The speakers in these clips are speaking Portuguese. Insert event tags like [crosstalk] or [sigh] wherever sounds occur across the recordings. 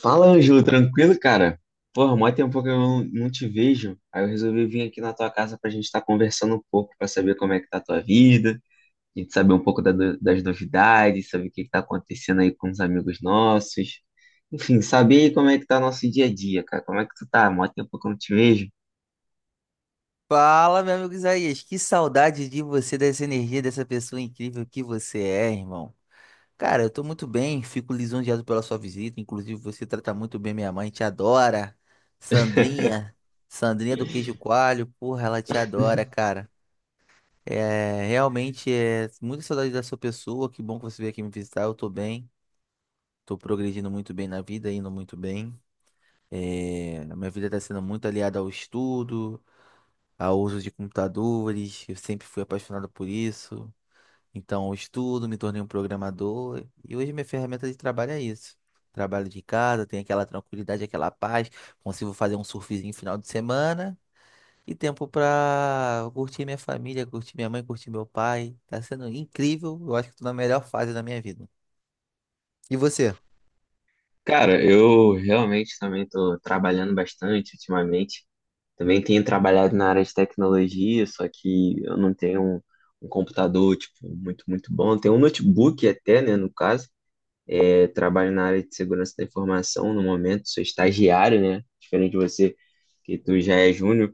Fala, Ângelo, tranquilo, cara? Porra, mó tempo que eu não te vejo. Aí eu resolvi vir aqui na tua casa pra gente estar conversando um pouco, pra saber como é que tá a tua vida, a gente saber um pouco da no- das novidades, saber o que que tá acontecendo aí com os amigos nossos. Enfim, saber aí como é que tá nosso dia a dia, cara. Como é que tu tá? Mó tempo que eu não te vejo. Fala, meu amigo Isaías, que saudade de você, dessa energia, dessa pessoa incrível que você é, irmão. Cara, eu tô muito bem, fico lisonjeado pela sua visita, inclusive você trata muito bem minha mãe, te adora. Sandrinha, Sandrinha do Queijo Coalho, porra, ela te adora, cara. É, realmente é muita saudade da sua pessoa, que bom que você veio aqui me visitar, eu tô bem. Tô progredindo muito bem na vida, indo muito bem. É, a minha vida tá sendo muito aliada ao estudo ao uso de computadores, eu sempre fui apaixonado por isso. Então, eu estudo, me tornei um programador e hoje minha ferramenta de trabalho é isso. Trabalho de casa, tenho aquela tranquilidade, aquela paz, consigo fazer um surfzinho final de semana e tempo para curtir minha família, curtir minha mãe, curtir meu pai. Tá sendo incrível, eu acho que tô na melhor fase da minha vida. E você? Cara, eu realmente também tô trabalhando bastante ultimamente. Também tenho trabalhado na área de tecnologia, só que eu não tenho um computador, tipo, muito bom. Tenho um notebook até, né, no caso. É, trabalho na área de segurança da informação no momento, sou estagiário, né? Diferente de você, que tu já é júnior.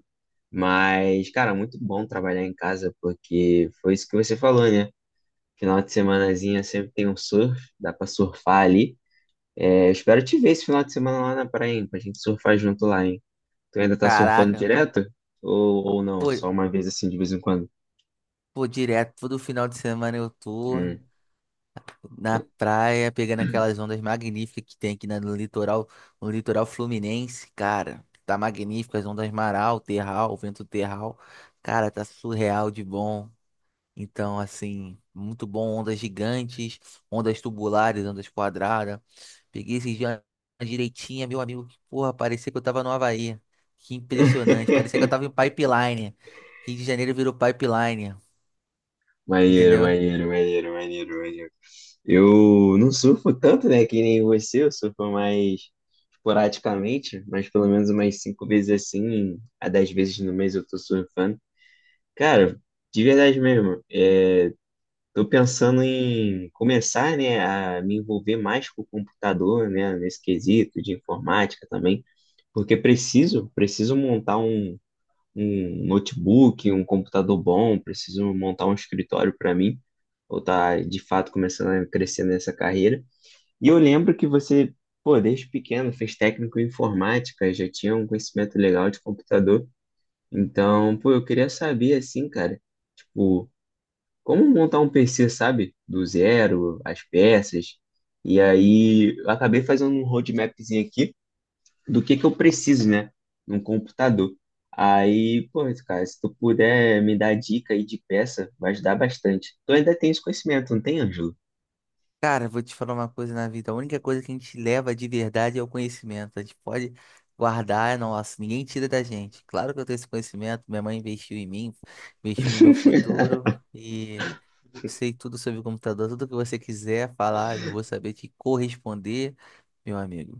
Mas, cara, muito bom trabalhar em casa, porque foi isso que você falou, né? Final de semanazinha sempre tem um surf, dá pra surfar ali. É, eu espero te ver esse final de semana lá na praia, hein, pra gente surfar junto lá, hein? Tu ainda tá surfando Caraca, direto? Ou não? pô, Só uma vez assim, de vez em quando? pô, direto, todo final de semana eu tô Hum. na praia, pegando aquelas ondas magníficas que tem aqui no litoral, no litoral fluminense, cara. Tá magnífico, as ondas maral, terral, vento terral. Cara, tá surreal de bom. Então, assim, muito bom, ondas gigantes, ondas tubulares, ondas quadradas. Peguei esses dias uma direitinha, meu amigo, que porra, parecia que eu tava no Havaí. Que impressionante, parecia que eu [laughs] tava em pipeline. Rio de Janeiro virou pipeline, Maneiro, entendeu? maneiro, maneiro, maneiro, maneiro. Eu não surfo tanto, né? Que nem você, eu surfo mais esporadicamente, mas pelo menos umas cinco vezes assim, a dez vezes no mês eu tô surfando. Cara, de verdade mesmo, é, estou pensando em começar, né, a me envolver mais com o computador, né, nesse quesito de informática também, porque preciso montar um notebook, um computador bom, preciso montar um escritório para mim, ou tá de fato começando a crescer nessa carreira. E eu lembro que você, pô, desde pequeno fez técnico em informática, já tinha um conhecimento legal de computador. Então, pô, eu queria saber assim, cara, tipo, como montar um PC, sabe? Do zero, as peças. E aí eu acabei fazendo um roadmapzinho aqui do que eu preciso, né? Num computador. Aí, pô, cara, se tu puder me dar dica aí de peça, vai ajudar bastante. Tu ainda tem esse conhecimento, não tem, Ângelo? Cara, vou te falar uma coisa na vida. A única coisa que a gente leva de verdade é o conhecimento. A gente pode guardar, nossa, ninguém tira da gente. Claro que eu tenho esse conhecimento, minha mãe investiu em mim, investiu no meu futuro e eu sei tudo sobre o computador, tudo que você quiser falar, eu vou saber te corresponder, meu amigo.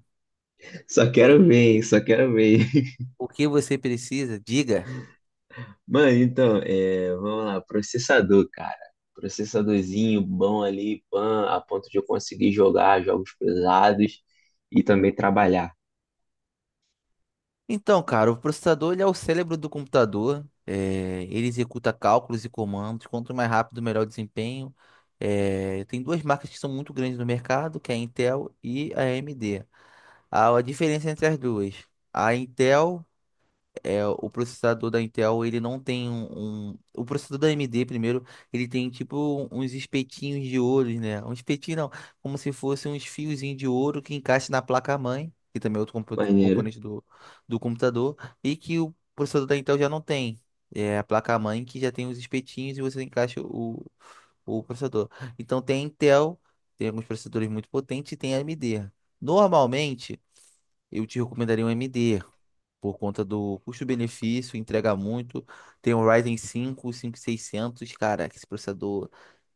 [laughs] Só Que- quero ver, hein? Só quero ver. [laughs] O que você precisa, diga. Mano, então, é, vamos lá, processador, cara. Processadorzinho bom ali, pan, a ponto de eu conseguir jogar jogos pesados e também trabalhar. Então, cara, o processador ele é o cérebro do computador. É, ele executa cálculos e comandos. Quanto mais rápido, melhor o desempenho. É, tem duas marcas que são muito grandes no mercado, que é a Intel e a AMD. A diferença entre as duas, a Intel é, o processador da Intel, ele não tem O processador da AMD, primeiro, ele tem tipo uns espetinhos de ouro, né? Um espetinho não, como se fosse uns fiozinhos de ouro que encaixa na placa-mãe, que também é outro Maneiro. componente do computador, e que o processador da Intel já não tem. É a placa-mãe que já tem os espetinhos e você encaixa o processador. Então tem a Intel, tem alguns processadores muito potentes e tem a AMD. Normalmente eu te recomendaria um MD, por conta do custo-benefício, entrega muito. Tem o Ryzen 5, seiscentos, cara, esse processador,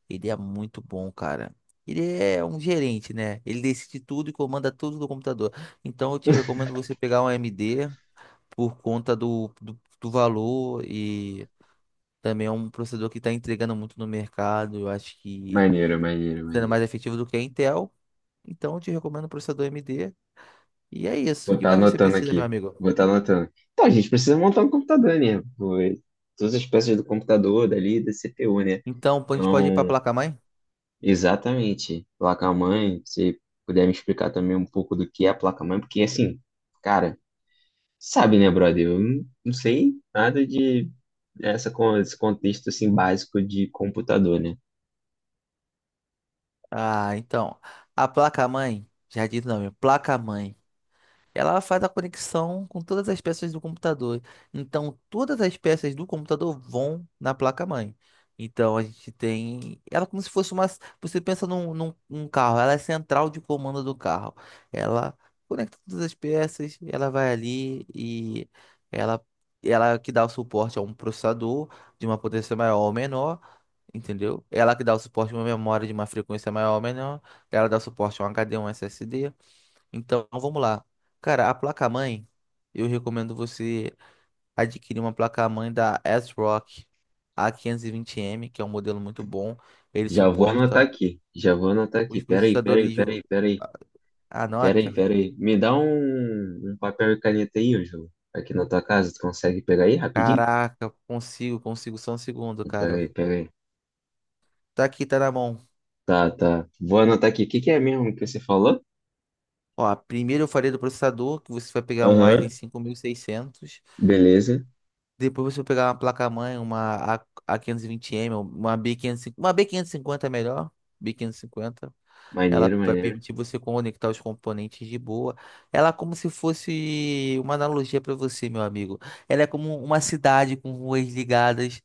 ele é muito bom, cara. Ele é um gerente, né? Ele decide tudo e comanda tudo do computador. Então eu te [laughs] recomendo você pegar um AMD por conta do valor e também é um processador que está entregando muito no mercado. Eu acho que Maneiro, maneiro, sendo maneiro. mais efetivo do que a Intel. Então eu te recomendo o processador AMD. E é isso. Vou O que estar mais você anotando precisa, meu aqui. amigo? Vou estar anotando. Então, a gente precisa montar um computador, né? Pô, todas as peças do computador, dali, da CPU, né? Então, a gente pode ir para a Então, placa-mãe? exatamente. Placa-mãe, se puder me explicar também um pouco do que é a placa-mãe, porque assim, cara, sabe, né, brother? Eu não sei nada de esse contexto assim básico de computador, né? Ah, então. A placa-mãe, já disse o nome, placa-mãe. Ela faz a conexão com todas as peças do computador. Então, todas as peças do computador vão na placa-mãe. Então, a gente tem. Ela é como se fosse uma. Você pensa num carro, ela é a central de comando do carro. Ela conecta todas as peças, ela vai ali e ela, ela é que dá o suporte a um processador de uma potência maior ou menor. Entendeu? Ela que dá o suporte a uma memória de uma frequência maior ou menor. Ela dá o suporte a um HD, um SSD. Então, vamos lá. Cara, a placa-mãe, eu recomendo você adquirir uma placa-mãe da ASRock A520M, que é um modelo muito bom. Ele Já vou anotar suporta aqui. Já vou anotar aqui. os Peraí, processadores. peraí, peraí, peraí. Peraí, Anota. peraí. Me dá um papel e caneta aí, Ângelo. Aqui na tua casa, tu consegue pegar aí rapidinho? Caraca, consigo só um segundo, cara. Peraí, peraí. Tá aqui, tá na mão. Tá, tá. Vou anotar aqui. O que que é mesmo que você falou? Ó, primeiro eu falei do processador, que você vai pegar um Ryzen Aham. 5600. Beleza. Depois você pegar uma placa-mãe, uma A520M, uma B550, uma b quinhentos e cinquenta é melhor, b quinhentos e cinquenta. Ela Maneiro, vai maneiro. permitir você conectar os componentes de boa. Ela é como se fosse uma analogia para você, meu amigo. Ela é como uma cidade com ruas ligadas,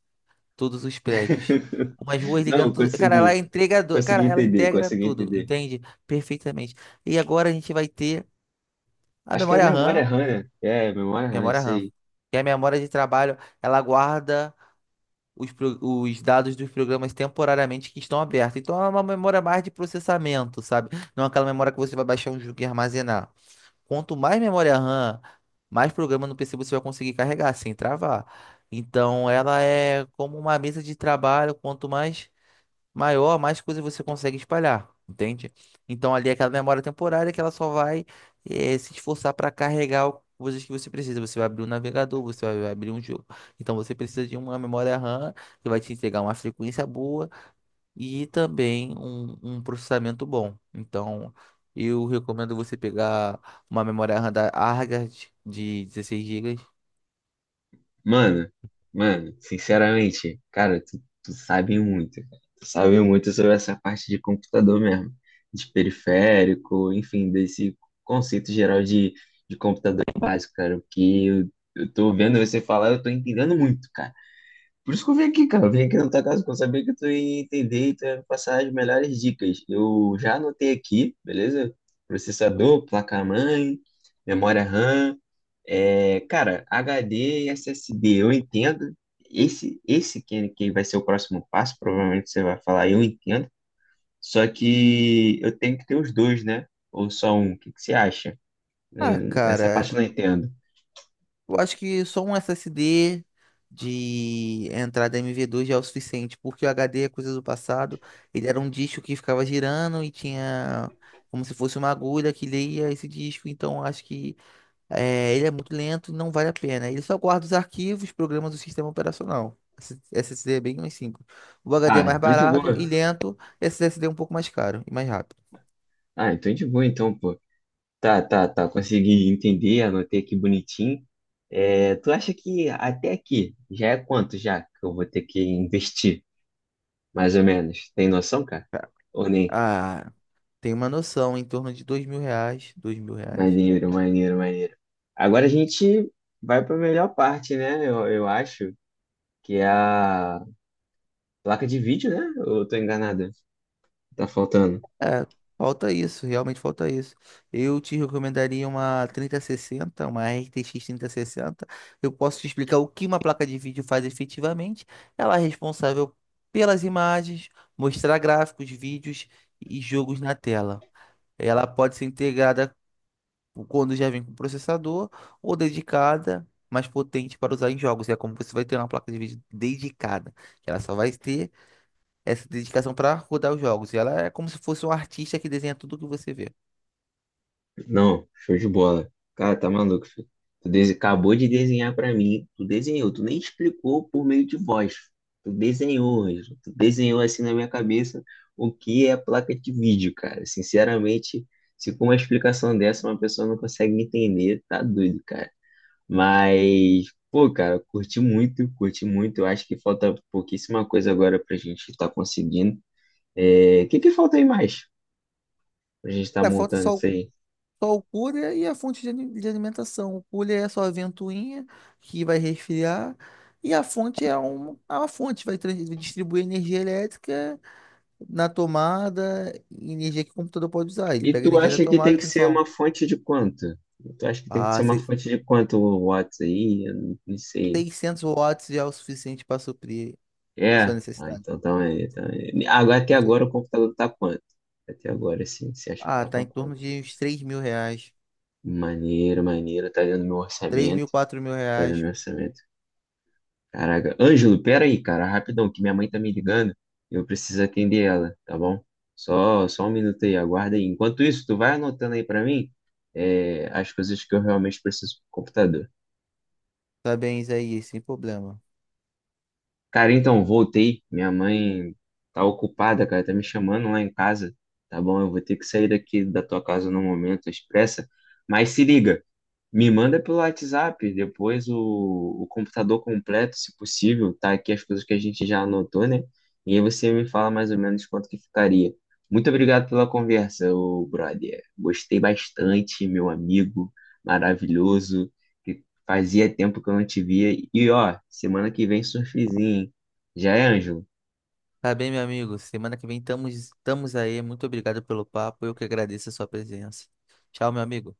todos os prédios. [laughs] Umas ruas ligando Não, tudo. Cara, ela é consegui. entregador. Cara, Consegui ela entender, integra consegui tudo, entender. entende? Perfeitamente. E agora a gente vai ter a Acho que é memória memória RAM, RAM, né? É, memória RAM, memória isso RAM, aí. que é a memória de trabalho. Ela guarda os dados dos programas temporariamente que estão abertos. Então é uma memória mais de processamento, sabe? Não é aquela memória que você vai baixar um jogo e armazenar. Quanto mais memória RAM, mais programa no PC você vai conseguir carregar sem travar. Então ela é como uma mesa de trabalho, quanto mais maior, mais coisas você consegue espalhar, entende? Então ali é aquela memória temporária que ela só vai se esforçar para carregar coisas que você precisa. Você vai abrir um navegador, você vai abrir um jogo. Então você precisa de uma memória RAM que vai te entregar uma frequência boa e também um processamento bom. Então eu recomendo você pegar uma memória RAM da Argand de 16 gigas. Mano, mano, sinceramente, cara, tu sabe muito, cara. Tu sabe muito sobre essa parte de computador mesmo, de periférico, enfim, desse conceito geral de computador básico, cara, o que eu tô vendo você falar, eu tô entendendo muito, cara. Por isso que eu vim aqui, cara, eu vim aqui na tua casa, porque eu sabia que tu ia entender e tu ia me passar as melhores dicas. Eu já anotei aqui, beleza? Processador, placa-mãe, memória RAM, é, cara, HD e SSD, eu entendo. Esse, esse que vai ser o próximo passo, provavelmente você vai falar, eu entendo. Só que eu tenho que ter os dois, né? Ou só um. O que você acha? Ah, Eh, essa cara, parte eu não entendo. eu acho que só um SSD de entrada MV2 já é o suficiente, porque o HD é coisa do passado. Ele era um disco que ficava girando e tinha como se fosse uma agulha que lia esse disco. Então acho que ele é muito lento e não vale a pena. Ele só guarda os arquivos, programas do sistema operacional. Esse SSD é bem mais simples. O HD Ah, é mais então de barato e boa. lento. Esse SSD é um pouco mais caro e mais rápido. Ah, então de boa, então, pô. Tá, tá, tá. Consegui entender, anotei aqui bonitinho. É, tu acha que até aqui já é quanto já que eu vou ter que investir, mais ou menos? Tem noção, cara? Ou nem? Ah, tem uma noção em torno de R$ 2.000, R$ 2.000. Maneiro, maneiro, maneiro. Agora a gente vai para a melhor parte, né? Eu acho que é a placa de vídeo, né? Ou eu tô enganado? Tá faltando. É, falta isso, realmente falta isso. Eu te recomendaria uma 3060, uma RTX 3060. Eu posso te explicar o que uma placa de vídeo faz efetivamente. Ela é responsável pelas imagens, mostrar gráficos, vídeos e jogos na tela. Ela pode ser integrada quando já vem com processador ou dedicada, mais potente para usar em jogos. É como você vai ter uma placa de vídeo dedicada, que ela só vai ter essa dedicação para rodar os jogos. E ela é como se fosse um artista que desenha tudo que você vê. Não, show de bola. Cara, tá maluco, filho. Acabou de desenhar para mim. Tu desenhou, tu nem explicou por meio de voz. Tu desenhou, Ângelo. Tu desenhou assim na minha cabeça o que é placa de vídeo, cara. Sinceramente, se com uma explicação dessa uma pessoa não consegue entender, tá doido, cara. Mas, pô, cara, curti muito, curti muito. Eu acho que falta pouquíssima coisa agora pra gente estar conseguindo. É, o que que falta aí mais pra gente estar Cara, falta montando só, isso aí? só o cooler e a fonte de alimentação. O cooler é a sua ventoinha que vai resfriar. E a fonte é uma fonte, vai distribuir energia elétrica na tomada, energia que o computador pode usar. Ele E pega a tu energia da acha que tem tomada e que ser transforma. uma fonte de quanto? Tu acha que tem que Ah, ser uma fonte de quanto o Watts aí? Eu não sei. 600 watts já é o suficiente para suprir sua É? Ah, necessidade. então tá aí, então aí. Agora, até Com agora o certeza. computador tá quanto? Até agora, sim. Você acha que Ah, tá tá pra em torno quanto? de uns R$ 3.000. Maneiro, maneiro. Tá dentro do meu 3.000, orçamento. quatro mil Tá dentro do reais. meu orçamento. Caraca. Ângelo, pera aí, cara, rapidão, que minha mãe tá me ligando. E eu preciso atender ela, tá bom? Só um minuto aí, aguarda aí. Enquanto isso, tu vai anotando aí pra mim, é, as coisas que eu realmente preciso pro computador. Tá bem, Isaías, sem problema. Cara, então, voltei. Minha mãe tá ocupada, cara, tá me chamando lá em casa, tá bom? Eu vou ter que sair daqui da tua casa no momento, expressa. Mas se liga. Me manda pelo WhatsApp depois o computador completo, se possível, tá aqui as coisas que a gente já anotou, né? E aí você me fala mais ou menos quanto que ficaria. Muito obrigado pela conversa, ô brother. Gostei bastante, meu amigo maravilhoso, que fazia tempo que eu não te via. E ó, semana que vem surfzinho, hein? Já é, Ângelo? Tá bem, meu amigo. Semana que vem estamos aí. Muito obrigado pelo papo. Eu que agradeço a sua presença. Tchau, meu amigo.